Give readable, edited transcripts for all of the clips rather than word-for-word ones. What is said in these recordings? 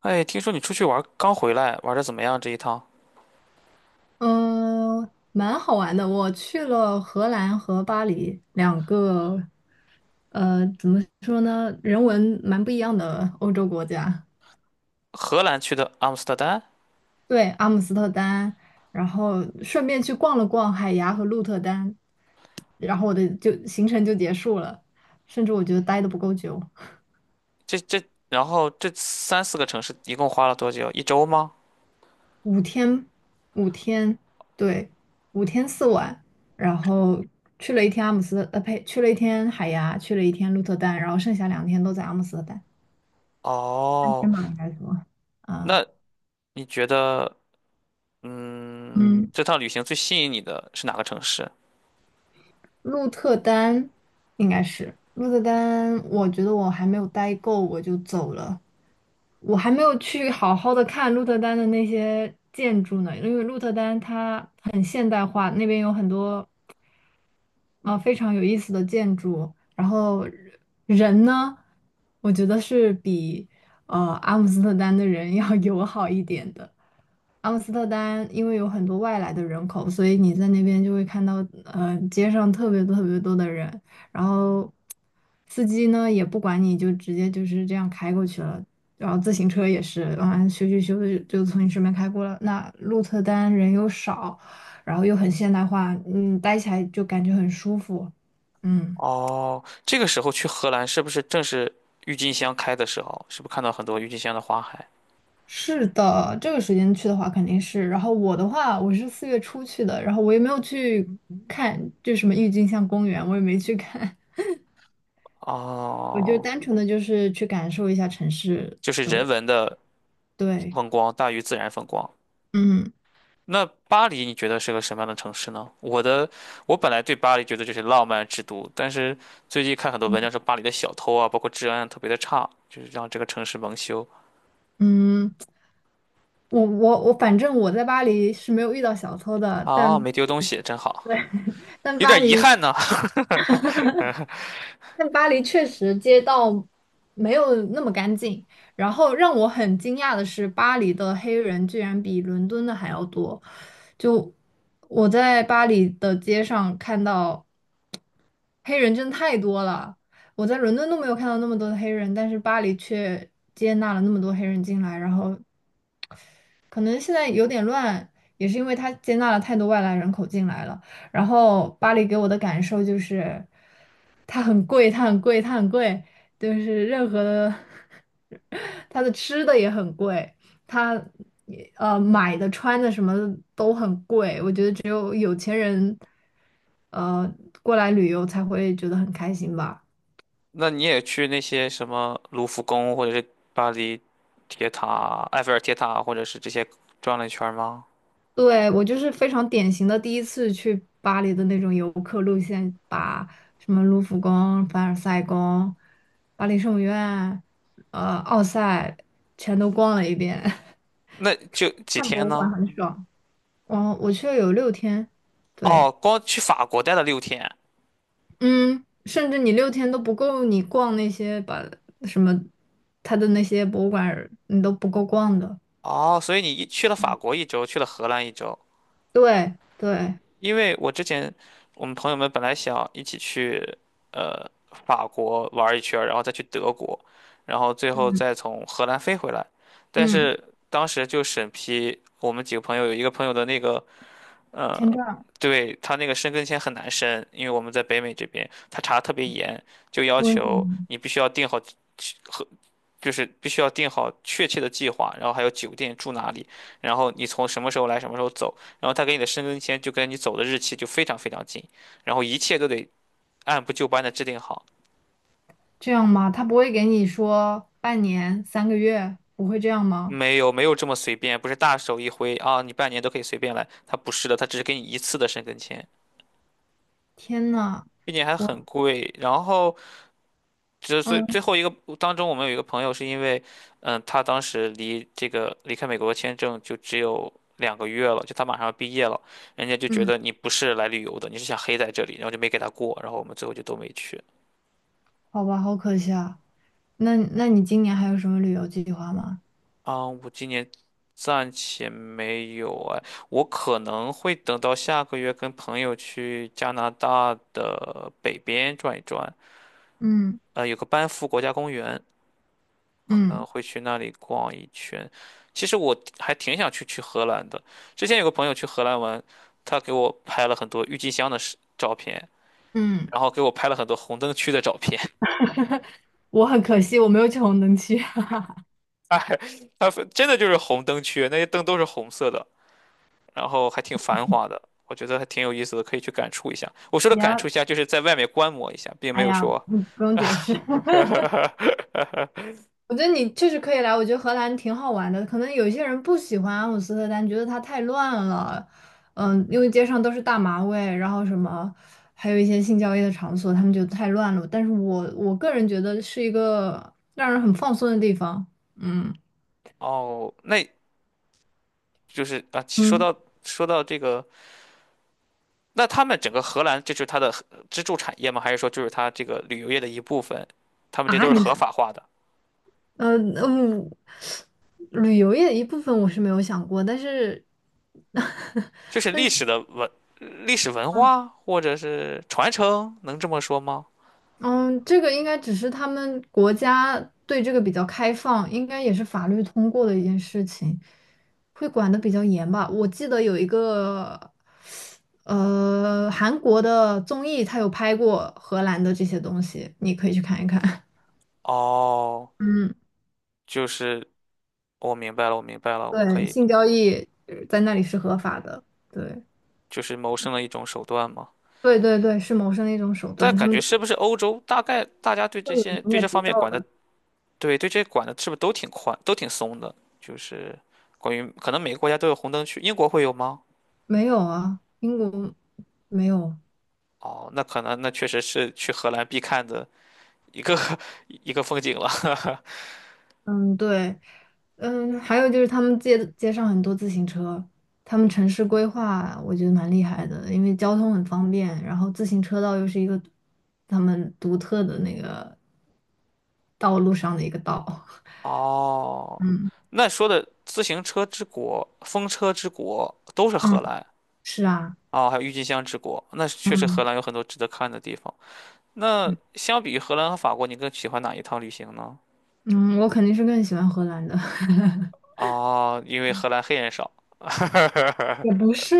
哎，听说你出去玩儿刚回来，玩的怎么样这一趟？嗯，蛮好玩的。我去了荷兰和巴黎两个，怎么说呢，人文蛮不一样的欧洲国家。荷兰去的阿姆斯特丹。对，阿姆斯特丹，然后顺便去逛了逛海牙和鹿特丹，然后我的就行程就结束了。甚至我觉得待的不够久，这这，然后这三四个城市一共花了多久？一周吗？五天，五天，对，五天四晚，然后去了一天阿姆斯特呃，呸，去了一天海牙，去了一天鹿特丹，然后剩下两天都在阿姆斯特丹。哦，天马应该说，啊，那你觉得，嗯，这趟旅行最吸引你的是哪个城市？鹿特丹应该是鹿特丹，我觉得我还没有待够，我就走了。我还没有去好好的看鹿特丹的那些建筑呢，因为鹿特丹它很现代化，那边有很多非常有意思的建筑。然后人呢，我觉得是比阿姆斯特丹的人 要友好一点的。阿姆斯特丹因为有很多外来的人口，所以你在那边就会看到，街上特别多特别多的人，然后司机呢也不管你，就直接就是这样开过去了，然后自行车也是，啊咻咻咻的就从你身边开过了。那鹿特丹人又少，然后又很现代化，待起来就感觉很舒服。嗯，哦，这个时候去荷兰是不是正是郁金香开的时候？是不是看到很多郁金香的花海？是的，这个时间去的话肯定是。然后我的话，我是四月初去的，然后我也没有去看，就什么郁金香公园，我也没去看，我就哦，单纯的就是去感受一下城市。就是人文的对，风光大于自然风光。嗯那巴黎你觉得是个什么样的城市呢？我本来对巴黎觉得这是浪漫之都，但是最近看很多文章说巴黎的小偷啊，包括治安啊特别的差，就是让这个城市蒙羞嗯，我我我，反正我在巴黎是没有遇到小偷的，啊。但 没丢东西真好，对，但有巴点遗黎憾呢。但巴黎确实街道没有那么干净。然后让我很惊讶的是，巴黎的黑人居然比伦敦的还要多。就我在巴黎的街上看到黑人真的太多了，我在伦敦都没有看到那么多的黑人，但是巴黎却接纳了那么多黑人进来，然后可能现在有点乱，也是因为它接纳了太多外来人口进来了。然后巴黎给我的感受就是，它很贵，它很贵，它很贵，就是任何的，它的吃的也很贵，它也买的、穿的什么的都很贵。我觉得只有有钱人，呃，过来旅游才会觉得很开心吧。那你也去那些什么卢浮宫，或者是巴黎铁塔、埃菲尔铁塔，或者是这些，转了一圈吗？对，我就是非常典型的第一次去巴黎的那种游客路线，把什么卢浮宫、凡尔赛宫、巴黎圣母院、奥赛全都逛了一遍，那就几看天博物馆呢？很爽。我去了有六天，哦，对，光去法国待了6天。嗯，甚至你六天都不够你逛那些把什么他的那些博物馆儿你都不够逛的。哦，所以你一去了法国一周，去了荷兰一周。对对，因为我之前我们朋友们本来想一起去呃法国玩一圈儿，然后再去德国，然后最后嗯再从荷兰飞回来。但嗯，是当时就审批我们几个朋友，有一个朋友的那个呃，签证对，他那个申根签很难申，因为我们在北美这边，他查的特别严，就要问题。求你必须要订好。就是必须要定好确切的计划，然后还有酒店住哪里，然后你从什么时候来，什么时候走，然后他给你的申根签就跟你走的日期就非常非常近，然后一切都得按部就班的制定好。这样吗？他不会给你说半年、三个月，不会这样吗？没有没有这么随便，不是大手一挥啊，你半年都可以随便来，他不是的，他只是给你一次的申根签，天呐，并且还很我贵。然后这所嗯以最后一个当中，我们有一个朋友是因为，他当时离这个离开美国的签证就只有2个月了，就他马上要毕业了，人家就觉嗯，得你不是来旅游的，你是想黑在这里，然后就没给他过，然后我们最后就都没去。好吧，好可惜啊。那你今年还有什么旅游计划吗？啊，我今年暂且没有哎，我可能会等到下个月跟朋友去加拿大的北边转一转。嗯有个班夫国家公园，可能嗯会去那里逛一圈。其实我还挺想去荷兰的。之前有个朋友去荷兰玩，他给我拍了很多郁金香的视照片，嗯，然后给我拍了很多红灯区的照片。我很可惜，我没有去红灯区。他还他真的就是红灯区，那些灯都是红色的，然后还挺繁华的。我觉得还挺有意思的，可以去感触一下。我说的你感触要，一下，就是在外面观摩一下，并没哎有呀，说。不，不用解释。我觉得你确实可以来，我觉得荷兰挺好玩的。可能有一些人不喜欢阿姆斯特丹，觉得它太乱了，因为街上都是大麻味，然后什么，还有一些性交易的场所，他们觉得太乱了。但是我个人觉得是一个让人很放松的地方。嗯哦，那就是啊，其说嗯，到说到这个，那他们整个荷兰，这就是它的支柱产业吗？还是说就是它这个旅游业的一部分？他们这都啊，是合法化的，呃嗯，旅游业的一部分我是没有想过，但是 就 是历史文化或者是传承，能这么说吗？嗯，这个应该只是他们国家对这个比较开放，应该也是法律通过的一件事情，会管得比较严吧。我记得有一个，韩国的综艺，他有拍过荷兰的这些东西，你可以去看一看。哦，嗯，就是我明白了，我明白了，我可对，以性交易在那里是合法的，对，就是谋生的一种手段吗？对对对，是谋生的一种手但段，他感们觉都是不是欧洲大概大家对都这有些营对业这执方面照管的，的。对对，这管的是不是都挺宽，都挺松的？就是关于可能每个国家都有红灯区，英国会有吗？没有啊，英国没有。哦，那可能那确实是去荷兰必看的一个 一个风景了。嗯，对。嗯，还有就是他们街上很多自行车，他们城市规划我觉得蛮厉害的，因为交通很方便，然后自行车道又是一个他们独特的那个道路上的一个道。哦，嗯那说的自行车之国、风车之国都是嗯，荷 兰，是啊，哦，还有郁金香之国。那确实荷嗯兰有很多值得看的地方。那嗯相比于荷兰和法国，你更喜欢哪一趟旅行呢？嗯，我肯定是更喜欢荷兰的。哦，因为荷兰黑人少。也不 是，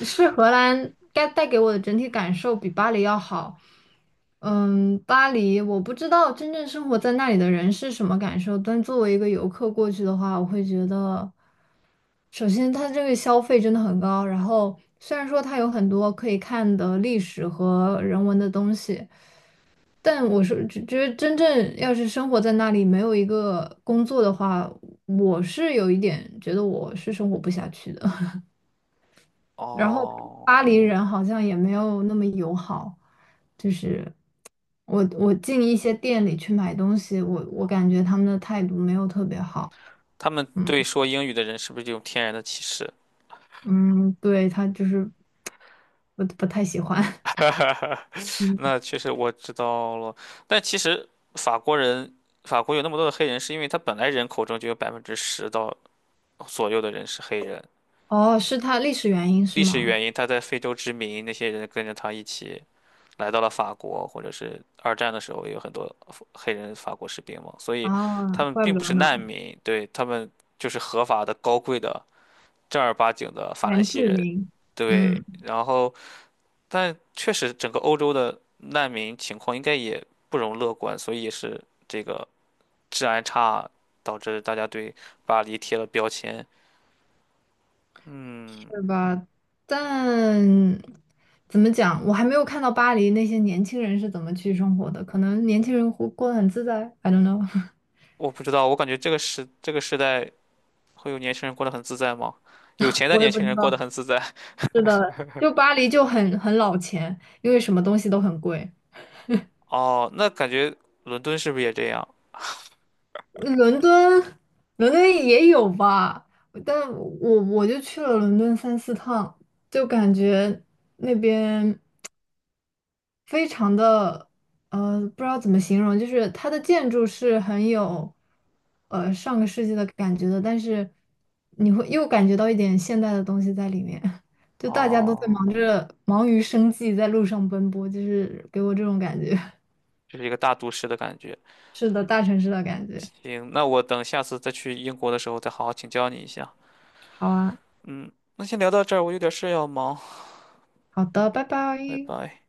是荷兰该带给我的整体感受比巴黎要好。嗯，巴黎我不知道真正生活在那里的人是什么感受，但作为一个游客过去的话，我会觉得，首先它这个消费真的很高，然后虽然说它有很多可以看的历史和人文的东西，但我是觉得真正要是生活在那里没有一个工作的话，我是有一点觉得我是生活不下去的。然后哦，巴黎人好像也没有那么友好，就是我进一些店里去买东西，我感觉他们的态度没有特别好，他们嗯对说英语的人是不是有天然的歧视？嗯，对，他就是不太喜欢，嗯，那确实我知道了，但其实法国人，法国有那么多的黑人，是因为他本来人口中就有10%到左右的人是黑人。哦，是他历史原因是历史吗？原因他在非洲殖民，那些人跟着他一起来到了法国，或者是二战的时候也有很多黑人法国士兵嘛，所以啊，他们怪并不不得是难呢，民。对，他们就是合法的、高贵的、正儿八经的法兰原西住人。民，对，嗯，然后，但确实整个欧洲的难民情况应该也不容乐观，所以也是这个治安差导致大家对巴黎贴了标签。嗯，是吧？但怎么讲，我还没有看到巴黎那些年轻人是怎么去生活的，可能年轻人活过得很自在，I don't know，我不知道，我感觉这个时代会有年轻人过得很自在吗？有 钱的我也年不轻知人过得道。很自在。是的，就巴黎就很老钱，因为什么东西都很贵。哦，那感觉伦敦是不是也这样？伦敦，伦敦也有吧，但我就去了伦敦三四趟，就感觉那边非常的，不知道怎么形容，就是它的建筑是很有，上个世纪的感觉的，但是你会又感觉到一点现代的东西在里面。就大家都在哦，忙着忙于生计，在路上奔波，就是给我这种感觉。就是一个大都市的感觉。是的，大城市的感觉。行，那我等下次再去英国的时候再好好请教你一下。好啊，嗯，那先聊到这儿，我有点事要忙，好的，拜拜拜。拜。